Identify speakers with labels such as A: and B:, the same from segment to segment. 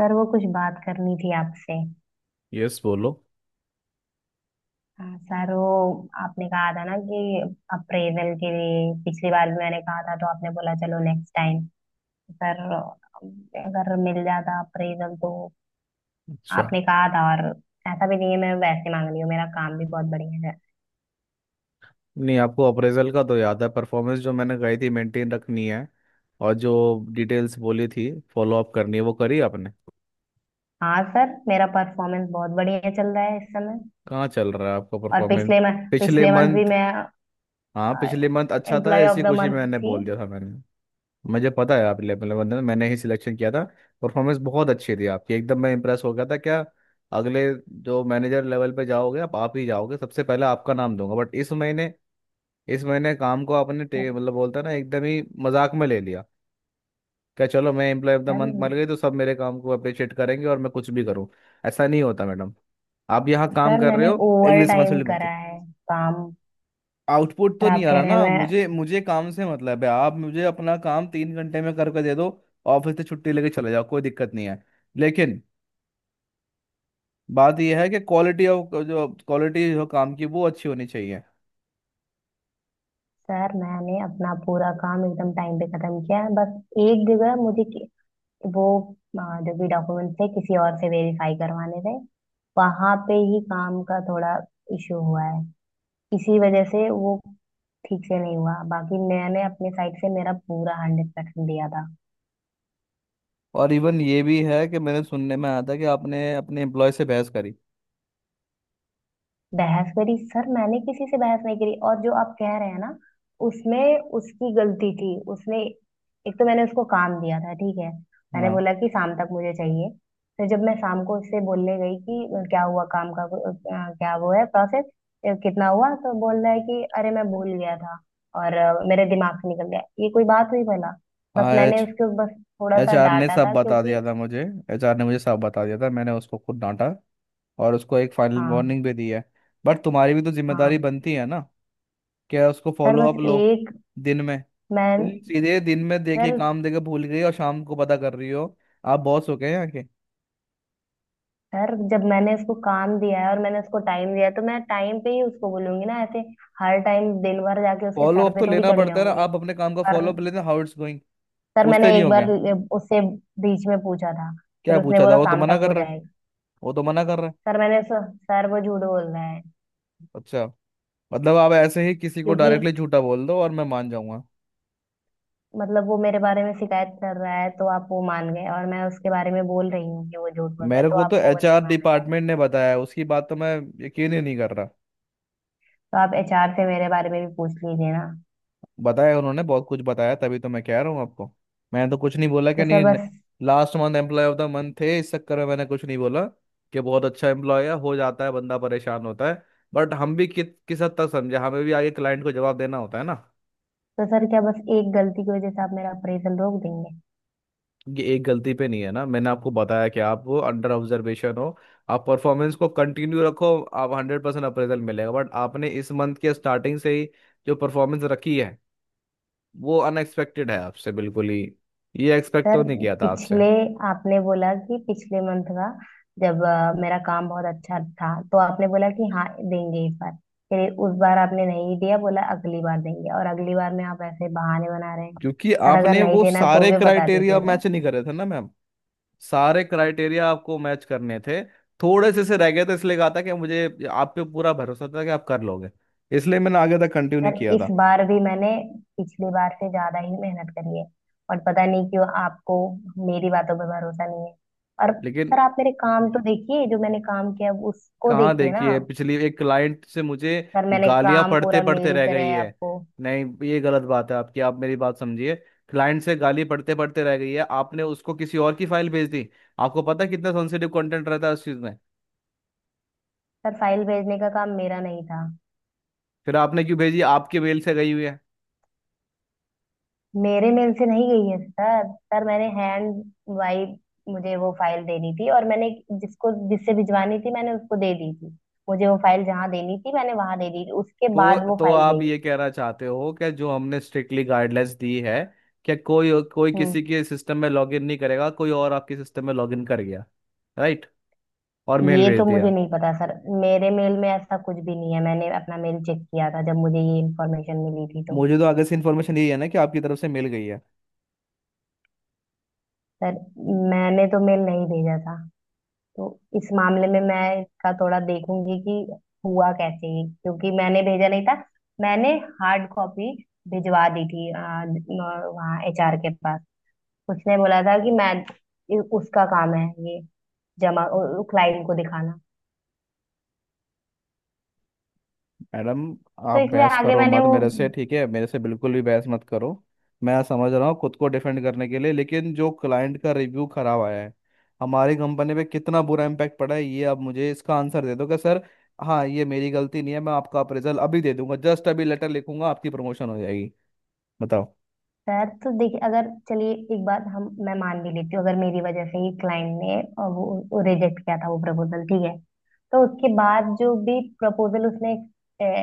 A: Sir, वो कुछ बात करनी थी आपसे।
B: यस बोलो।
A: हाँ सर, वो आपने कहा था ना कि अप्रेजल के लिए पिछली बार भी मैंने कहा था, तो आपने बोला चलो नेक्स्ट टाइम। सर, अगर मिल जाता अप्रेजल तो।
B: अच्छा,
A: आपने कहा था। और ऐसा भी नहीं है मैं वैसे मांग रही हूँ, मेरा काम भी बहुत बढ़िया है।
B: नहीं आपको अप्रेजल का तो याद है, परफॉर्मेंस जो मैंने कही थी मेंटेन रखनी है और जो डिटेल्स बोली थी फॉलो अप करनी है, वो करी आपने?
A: हाँ सर, मेरा परफॉर्मेंस बहुत बढ़िया चल रहा है इस समय।
B: कहाँ चल रहा है आपका
A: और
B: परफॉर्मेंस? पिछले
A: पिछले मंथ भी
B: मंथ।
A: मैं
B: हाँ, पिछले मंथ अच्छा था,
A: एम्प्लॉय
B: इसी
A: ऑफ द
B: खुशी में
A: मंथ
B: मैंने
A: थी।
B: बोल दिया था मैंने। मुझे पता है आप लेवल बंदे, मैंने ही सिलेक्शन किया था। परफॉर्मेंस बहुत अच्छी थी आपकी, एकदम मैं इंप्रेस हो गया था क्या। अगले जो मैनेजर लेवल पे जाओगे, आप ही जाओगे, सबसे पहले आपका नाम दूंगा, बट इस महीने, इस महीने काम को आपने
A: सर।
B: मतलब बोलता है ना एकदम ही मजाक में ले लिया। क्या चलो मैं employee of the
A: sir.
B: Month बन गई तो सब मेरे काम को अप्रिशिएट करेंगे और मैं कुछ भी करूँ? ऐसा नहीं होता मैडम। आप यहाँ काम
A: सर,
B: कर रहे
A: मैंने
B: हो, एक
A: ओवर टाइम
B: रिस्पॉन्सिबिलिटी बनती
A: करा
B: है।
A: है काम।
B: आउटपुट तो
A: और
B: नहीं
A: आप
B: आ
A: कह
B: रहा
A: रहे
B: ना,
A: हैं मैं।
B: मुझे मुझे काम से मतलब है। आप मुझे अपना काम तीन घंटे में करके दे दो, ऑफिस से छुट्टी लेके चले जाओ, कोई दिक्कत नहीं है। लेकिन बात यह है कि क्वालिटी ऑफ जो क्वालिटी जो काम की, वो अच्छी होनी चाहिए।
A: सर, मैंने अपना पूरा काम एकदम टाइम पे खत्म किया है, बस एक जगह मुझे वो जो भी डॉक्यूमेंट थे किसी और से वेरीफाई करवाने थे, वहां पे ही काम का थोड़ा इशू हुआ है। इसी वजह से वो ठीक से नहीं हुआ, बाकी मैंने अपने साइड से मेरा पूरा 100% दिया था।
B: और इवन ये भी है कि मैंने सुनने में आया था कि आपने अपने एम्प्लॉय से बहस करी।
A: बहस करी? सर, मैंने किसी से बहस नहीं करी, और जो आप कह रहे हैं ना, उसमें उसकी गलती थी। उसने एक तो मैंने उसको काम दिया था, ठीक है। मैंने
B: हाँ।
A: बोला कि शाम तक मुझे चाहिए। फिर जब मैं शाम को उससे बोलने गई कि क्या हुआ काम का, क्या वो है प्रोसेस कितना हुआ, तो बोल रहा है कि अरे मैं भूल गया था और मेरे दिमाग से निकल गया। ये कोई बात हुई भला? बस
B: हाँ
A: मैंने
B: एच
A: उसको बस थोड़ा
B: एच
A: सा
B: आर ने
A: डांटा
B: सब
A: था,
B: बता
A: क्योंकि
B: दिया था मुझे। एच आर ने मुझे सब बता दिया था, मैंने उसको खुद डांटा और उसको एक फाइनल
A: हाँ।
B: वार्निंग भी दी है। बट तुम्हारी भी तो
A: हाँ
B: जिम्मेदारी बनती है ना क्या, उसको
A: सर,
B: फॉलो
A: बस
B: अप लो।
A: एक
B: दिन में
A: मैं।
B: तुम सीधे दिन में देखे,
A: सर।
B: काम देके भूल गई और शाम को पता कर रही हो? आप बॉस हो गए यहाँ के?
A: सर, जब मैंने उसको काम दिया है और मैंने उसको टाइम दिया है तो मैं टाइम पे ही उसको बोलूंगी ना ऐसे। हर टाइम दिन भर जाके उसके
B: फॉलो
A: सर
B: अप
A: पे
B: तो
A: थोड़ी
B: लेना
A: चढ़ी
B: पड़ता है ना,
A: रहूंगी।
B: आप अपने काम का
A: पर
B: फॉलो अप लेते हाउ इट्स गोइंग,
A: सर, मैंने
B: पूछते नहीं
A: एक
B: हो
A: बार
B: क्या?
A: उससे बीच में पूछा था।
B: क्या
A: फिर उसने
B: पूछा था,
A: बोला
B: वो तो
A: शाम
B: मना
A: तक
B: कर
A: हो
B: रहा है।
A: जाएगा।
B: वो तो मना कर रहा है।
A: सर, मैंने। सर, वो झूठ बोल रहा है।
B: अच्छा, मतलब आप ऐसे ही किसी को
A: क्योंकि
B: डायरेक्टली झूठा बोल दो और मैं मान जाऊंगा?
A: मतलब वो मेरे बारे में शिकायत कर रहा है तो आप वो मान गए, और मैं उसके बारे में बोल रही हूँ कि वो झूठ बोल रहा है
B: मेरे
A: तो
B: को तो
A: आपको वो
B: एचआर
A: नहीं माना जाए?
B: डिपार्टमेंट ने बताया, उसकी बात तो मैं यकीन ही नहीं कर रहा।
A: तो आप एचआर से मेरे बारे में भी पूछ लीजिए ना।
B: बताया उन्होंने, बहुत कुछ बताया, तभी तो मैं कह रहा हूँ आपको। मैंने तो कुछ नहीं बोला कि
A: तो सर,
B: नहीं,
A: बस।
B: Last month employee of the month थे, इस चक्कर में मैंने कुछ नहीं बोला कि बहुत अच्छा एम्प्लॉय है, हो जाता है, बंदा परेशान होता है। बट हम भी किस हद तक समझे, हमें भी आगे क्लाइंट को जवाब देना होता है ना।
A: तो सर क्या, बस एक गलती की वजह से आप मेरा अप्रेजल रोक देंगे?
B: ये एक गलती पे नहीं है ना, मैंने आपको बताया कि आप वो अंडर ऑब्जर्वेशन हो। आप परफॉर्मेंस को कंटिन्यू रखो, आप हंड्रेड परसेंट अप्रेजल मिलेगा, बट आपने इस मंथ के स्टार्टिंग से ही जो परफॉर्मेंस रखी है, वो अनएक्सपेक्टेड है आपसे, बिल्कुल ही ये एक्सपेक्ट तो
A: सर,
B: नहीं किया था आपसे।
A: पिछले आपने बोला कि पिछले मंथ का, जब मेरा काम बहुत अच्छा था तो आपने बोला कि हाँ देंगे इस बार। फिर उस बार आपने नहीं दिया, बोला अगली बार देंगे, और अगली बार में आप ऐसे बहाने बना रहे हैं।
B: क्योंकि
A: सर, अगर
B: आपने
A: नहीं
B: वो
A: देना है तो
B: सारे
A: भी बता
B: क्राइटेरिया
A: दीजिए ना।
B: मैच नहीं करे थे ना मैम। सारे क्राइटेरिया आपको मैच करने थे, थोड़े से रह गए थे, इसलिए कहा था कि मुझे आप पे पूरा भरोसा था कि आप कर लोगे, इसलिए मैंने आगे तक कंटिन्यू नहीं
A: सर,
B: किया
A: इस
B: था।
A: बार भी मैंने पिछली बार से ज्यादा ही मेहनत करी है। और पता नहीं क्यों आपको मेरी बातों पर भरोसा नहीं है। और
B: लेकिन
A: सर, आप मेरे काम तो देखिए, जो मैंने काम किया उसको
B: कहाँ
A: देखिए ना
B: देखी है,
A: आप।
B: पिछली एक क्लाइंट से मुझे
A: सर, मैंने
B: गालियां
A: काम
B: पढ़ते
A: पूरा
B: पढ़ते
A: मेल
B: रह
A: करा
B: गई
A: है
B: है।
A: आपको।
B: नहीं, ये गलत बात है आपकी, आप मेरी बात समझिए। क्लाइंट से गाली पढ़ते पढ़ते रह गई है, आपने उसको किसी और की फाइल भेज दी। आपको पता है कितना सेंसिटिव कंटेंट रहता है उस चीज में।
A: सर, फाइल भेजने का काम मेरा नहीं था।
B: फिर आपने क्यों भेजी, आपके मेल से गई हुई है।
A: मेरे मेल से नहीं गई है सर। सर, मैंने हैंड वाइज, मुझे वो फाइल देनी थी और मैंने जिसको जिससे भिजवानी थी मैंने उसको दे दी थी। मुझे वो फाइल जहाँ देनी थी मैंने वहां दे दी थी, उसके
B: तो
A: बाद वो
B: तो
A: फाइल गई।
B: आप ये कहना चाहते हो कि जो हमने स्ट्रिक्टली गाइडलाइंस दी है कि कोई कोई किसी
A: हम्म।
B: के सिस्टम में लॉगिन नहीं करेगा, कोई और आपके सिस्टम में लॉगिन कर गया? राइट। और मेल
A: ये
B: भेज
A: तो मुझे
B: दिया?
A: नहीं पता सर। मेरे मेल में ऐसा कुछ भी नहीं है, मैंने अपना मेल चेक किया था जब मुझे ये इन्फॉर्मेशन मिली थी तो।
B: मुझे तो आगे से इन्फॉर्मेशन यही है ना कि आपकी तरफ से मिल गई है।
A: सर, मैंने तो मेल नहीं भेजा था, तो इस मामले में मैं इसका थोड़ा देखूंगी कि हुआ कैसे ये, क्योंकि मैंने भेजा नहीं था। मैंने हार्ड कॉपी भिजवा दी थी वहाँ एचआर के पास। उसने बोला था कि मैं, ये उसका काम है, ये जमा, क्लाइंट को दिखाना।
B: मैडम,
A: तो
B: आप
A: इसलिए
B: बहस
A: आगे
B: करो
A: मैंने
B: मत
A: वो
B: मेरे से, ठीक है? मेरे से बिल्कुल भी बहस मत करो। मैं समझ रहा हूँ खुद को डिफेंड करने के लिए, लेकिन जो क्लाइंट का रिव्यू खराब आया है, हमारी कंपनी पे कितना बुरा इम्पैक्ट पड़ा है, ये आप मुझे इसका आंसर दे दो कि सर हाँ ये मेरी गलती नहीं है, मैं आपका अप्रेजल अभी दे दूंगा, जस्ट अभी लेटर लिखूंगा, आपकी प्रमोशन हो जाएगी। बताओ।
A: सर तो देखिए, अगर चलिए एक बात हम मैं मान भी लेती हूँ, अगर मेरी वजह से ही क्लाइंट ने और वो रिजेक्ट किया था वो प्रपोजल, ठीक है। तो उसके बाद जो भी प्रपोजल उसने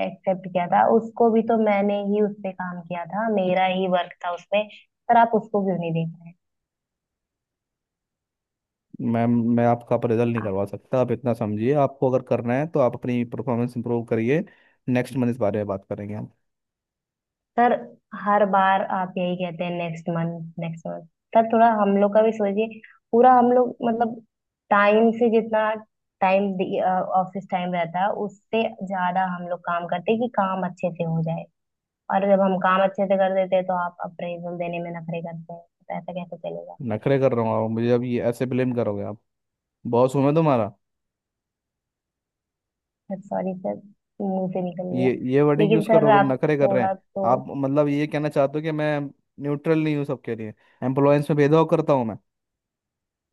A: एक्सेप्ट किया था, उसको भी तो मैंने ही उस पे काम किया था, मेरा ही वर्क था उसमें। सर, आप उसको क्यों नहीं देख रहे हैं?
B: मैम मैं आपका अप्रेजल नहीं करवा सकता, आप इतना समझिए। आपको अगर करना है तो आप अपनी परफॉर्मेंस इंप्रूव करिए, नेक्स्ट मंथ इस बारे में बात करेंगे हम।
A: सर, हर बार आप यही कहते हैं next month, next month. Sir, थोड़ा हम लोग का भी सोचिए। पूरा हम लोग मतलब, टाइम से जितना टाइम ऑफिस टाइम रहता है उससे ज्यादा हम लोग काम करते हैं, कि काम अच्छे से हो जाए। और जब हम काम अच्छे से कर देते हैं तो आप अप्रेजल देने में नखरे करते हैं। तो ऐसा कैसे चलेगा?
B: नखरे कर रहा हूँ? आप मुझे अब ये ऐसे ब्लेम करोगे आप? बॉस हूँ मैं तुम्हारा।
A: सर, सॉरी सर, मुंह से निकल गया।
B: ये वर्डिंग
A: लेकिन
B: यूज
A: सर,
B: करोगे, हम
A: आप
B: नखरे कर रहे हैं?
A: थोड़ा तो।
B: आप मतलब ये कहना चाहते हो कि मैं न्यूट्रल नहीं हूँ सबके लिए, एम्प्लॉयंस में भेदभाव करता हूँ मैं?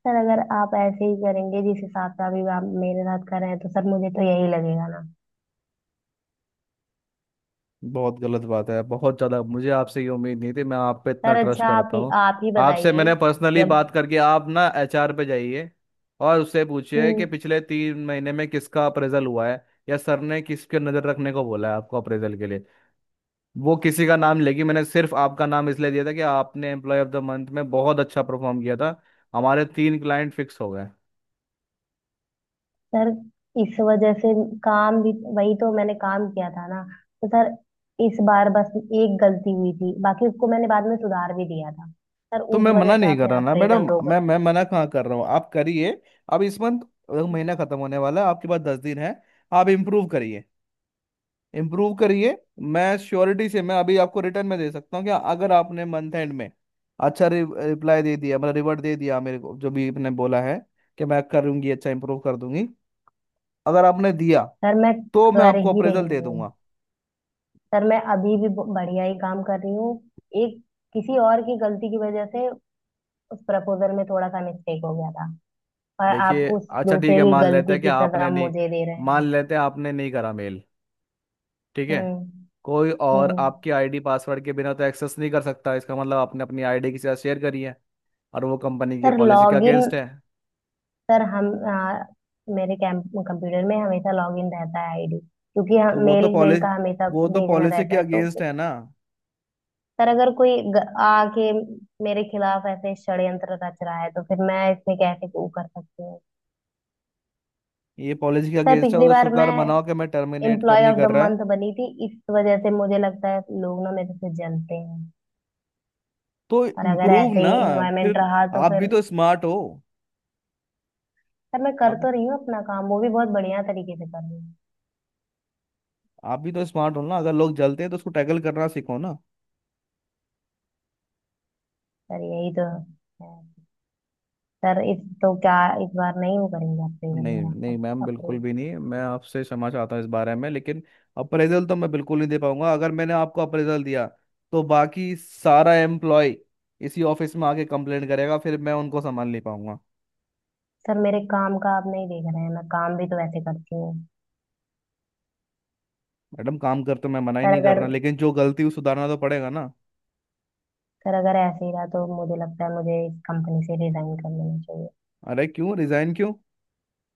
A: सर, अगर आप ऐसे ही करेंगे जिस हिसाब से अभी आप मेरे साथ कर रहे हैं, तो सर मुझे तो यही लगेगा ना।
B: बहुत गलत बात है, बहुत ज़्यादा, मुझे आपसे ये उम्मीद नहीं थी, मैं आप पे इतना
A: सर
B: ट्रस्ट
A: अच्छा,
B: करता हूँ।
A: आप ही
B: आपसे
A: बताइए।
B: मैंने पर्सनली
A: जब
B: बात करके, आप ना एचआर पे जाइए और उससे पूछिए कि
A: हम्म।
B: पिछले तीन महीने में किसका अप्रेजल हुआ है या सर ने किसके नज़र रखने को बोला है आपको अप्रेजल के लिए। वो किसी का नाम लेगी। मैंने सिर्फ आपका नाम इसलिए दिया था कि आपने एम्प्लॉय ऑफ द मंथ में बहुत अच्छा परफॉर्म किया था, हमारे तीन क्लाइंट फिक्स हो गए।
A: सर, इस वजह से काम भी वही तो मैंने काम किया था ना। तो सर, इस बार बस एक गलती हुई थी, बाकी उसको मैंने बाद में सुधार भी दिया था। सर,
B: तो
A: उस
B: मैं
A: वजह
B: मना
A: से
B: नहीं
A: आप
B: कर रहा
A: मेरा
B: ना
A: अप्रेजल
B: मैडम,
A: रोक
B: मैं
A: रहे हैं?
B: मैं मना कहाँ कर रहा हूँ, आप करिए। अब इस मंथ, महीना खत्म होने वाला है, आपके पास दस दिन है। आप इम्प्रूव करिए, इम्प्रूव करिए। मैं श्योरिटी से मैं अभी आपको रिटर्न में दे सकता हूँ कि अगर आपने मंथ एंड में अच्छा रिप्लाई दे दिया, मतलब रिवर्ट दे दिया मेरे को, जो भी आपने बोला है कि मैं करूंगी, अच्छा इम्प्रूव कर दूंगी, अगर आपने दिया
A: सर, मैं
B: तो मैं
A: कर
B: आपको
A: ही रही
B: अप्रेजल दे
A: हूँ।
B: दूंगा।
A: सर, मैं अभी भी बढ़िया ही काम कर रही हूँ। एक किसी और की गलती की वजह से उस प्रपोजल में थोड़ा सा मिस्टेक हो गया था, और आप
B: देखिए
A: उस
B: अच्छा ठीक
A: दूसरे
B: है,
A: की
B: मान लेते
A: गलती
B: हैं कि
A: की सजा
B: आपने नहीं,
A: मुझे दे रहे
B: मान
A: हैं।
B: लेते हैं आपने नहीं करा मेल, ठीक है।
A: हम्म।
B: कोई और
A: हम्म।
B: आपकी आईडी पासवर्ड के बिना तो एक्सेस नहीं कर सकता, इसका मतलब आपने अपनी आईडी किसी से शेयर करी है। और वो कंपनी की
A: सर
B: पॉलिसी के
A: लॉगिन,
B: अगेंस्ट है।
A: सर हम मेरे कैंप कंप्यूटर में हमेशा लॉगिन रहता है आईडी, क्योंकि
B: तो
A: हम
B: वो तो
A: मेल, मेल
B: पॉलिसी
A: का हमेशा
B: वो तो
A: भेजना
B: पॉलिसी के
A: रहता है तो।
B: अगेंस्ट है ना।
A: सर, अगर कोई आके मेरे खिलाफ ऐसे षड्यंत्र रच रहा है तो फिर मैं इसमें कैसे वो कर सकती हूँ?
B: ये पॉलिसी के
A: सर,
B: अगेंस्ट है, वो
A: पिछली
B: तो
A: बार मैं
B: शुक्र मनाओ कि मैं टर्मिनेट कर
A: एम्प्लॉय
B: नहीं
A: ऑफ
B: कर
A: द
B: रहा।
A: मंथ बनी थी, इस वजह से मुझे लगता है लोग ना मेरे से जलते हैं।
B: तो
A: और अगर
B: इम्प्रूव
A: ऐसे
B: ना,
A: ही इन्वायरमेंट
B: फिर
A: रहा तो
B: आप भी
A: फिर
B: तो स्मार्ट हो।
A: सर, मैं कर
B: आप
A: तो रही हूँ अपना काम, वो भी बहुत बढ़िया तरीके से कर रही हूँ।
B: आप भी तो स्मार्ट हो ना, अगर लोग जलते हैं तो उसको टैकल करना सीखो ना।
A: सर, यही तो है। सर, इस तो क्या, इस बार नहीं वो करेंगे अप्रेजल
B: नहीं नहीं
A: मेरा
B: मैम, बिल्कुल
A: अप्रूव?
B: भी नहीं, मैं आपसे क्षमा चाहता हूँ इस बारे में, लेकिन अप्रेजल तो मैं बिल्कुल नहीं दे पाऊंगा। अगर मैंने आपको अप्रेजल दिया तो बाकी सारा एम्प्लॉय इसी ऑफिस में आके कंप्लेंट करेगा, फिर मैं उनको संभाल नहीं पाऊंगा।
A: सर, मेरे काम का आप नहीं देख रहे हैं, मैं काम भी तो ऐसे करती हूँ।
B: मैडम काम करते मैं मना ही
A: सर,
B: नहीं कर
A: अगर,
B: रहा, लेकिन जो गलती है उसे सुधारना तो पड़ेगा ना।
A: सर अगर ऐसे ही रहा तो मुझे लगता है मुझे इस कंपनी से रिजाइन कर लेना चाहिए।
B: अरे क्यों, रिजाइन क्यों?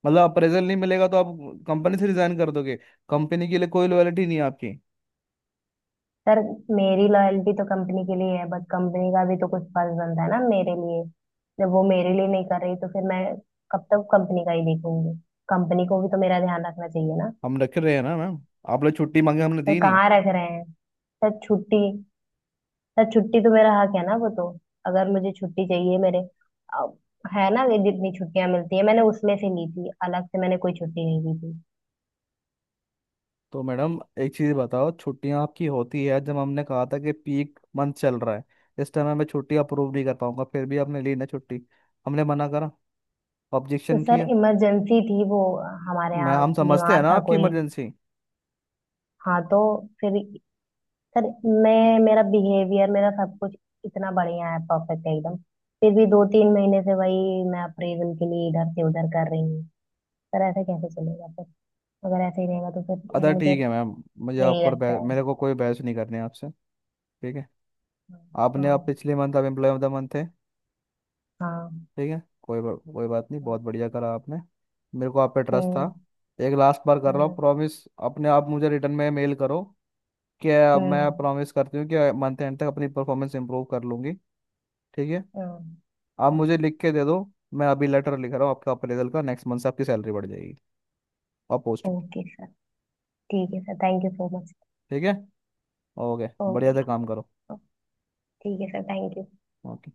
B: मतलब अप्रेजल नहीं मिलेगा तो आप कंपनी से रिजाइन कर दोगे? कंपनी के लिए कोई लॉयलिटी नहीं है आपकी?
A: सर, मेरी लॉयल्टी तो कंपनी के लिए है, बट कंपनी का भी तो कुछ फर्ज बनता है ना मेरे लिए। जब वो मेरे लिए नहीं कर रही तो फिर मैं कब तक कंपनी का ही देखूंगी? कंपनी को भी तो मेरा ध्यान रखना चाहिए ना।
B: हम रख रहे हैं ना मैम, आप लोग छुट्टी मांगे हमने
A: सर,
B: दी नहीं?
A: कहाँ रख रहे हैं? सर, छुट्टी, सर छुट्टी तो मेरा हक है ना वो तो। अगर मुझे छुट्टी चाहिए मेरे अब, है ना, ये जितनी छुट्टियां मिलती है मैंने उसमें से ली थी, अलग से मैंने कोई छुट्टी नहीं ली थी।
B: तो मैडम एक चीज़ बताओ, छुट्टियां आपकी होती है, जब हमने कहा था कि पीक मंथ चल रहा है, इस टाइम मैं छुट्टी अप्रूव नहीं कर पाऊंगा, फिर भी आपने ली ना छुट्टी। हमने मना करा,
A: तो
B: ऑब्जेक्शन
A: सर,
B: किया।
A: इमरजेंसी थी वो हमारे
B: मैं
A: यहाँ,
B: हम समझते हैं
A: बीमार
B: ना
A: था
B: आपकी
A: कोई।
B: इमरजेंसी।
A: हाँ तो फिर सर, मैं मेरा बिहेवियर मेरा सब कुछ इतना बढ़िया है, परफेक्ट है एकदम। फिर भी 2 3 महीने से वही मैं अप्रेजल के लिए इधर से उधर कर रही हूँ। सर, ऐसा कैसे चलेगा फिर? अगर ऐसे ही रहेगा तो फिर
B: अदा
A: मुझे
B: ठीक है मैम, मुझे
A: यही
B: आपको और
A: लगता
B: बहस
A: है।
B: मेरे को कोई बहस नहीं करनी है आपसे। ठीक है, आपने
A: हाँ,
B: आप पिछले मंथ आप एम्प्लॉय ऑफ द मंथ थे।
A: हाँ,
B: ठीक है, कोई बात नहीं, बहुत
A: हाँ।
B: बढ़िया करा आपने। मेरे को आप पे ट्रस्ट था।
A: हम्म,
B: एक लास्ट बार कर रहा हूँ,
A: हम्म,
B: प्रॉमिस। अपने आप मुझे रिटर्न में मेल करो क्या,
A: हम्म,
B: मैं प्रॉमिस करती हूँ कि मंथ एंड तक अपनी परफॉर्मेंस इंप्रूव कर लूंगी। ठीक है?
A: हम्म,
B: आप मुझे
A: हाँ,
B: लिख के दे दो, मैं अभी लेटर लिख रहा हूँ आपका अप्रेजल का, नेक्स्ट मंथ से आपकी सैलरी बढ़ जाएगी और पोस्ट भी।
A: Okay sir. ठीक है sir, thank you so much.
B: ठीक है, ओके, बढ़िया
A: ओके।
B: से काम करो।
A: ठीक है सर, थैंक यू।
B: ओके।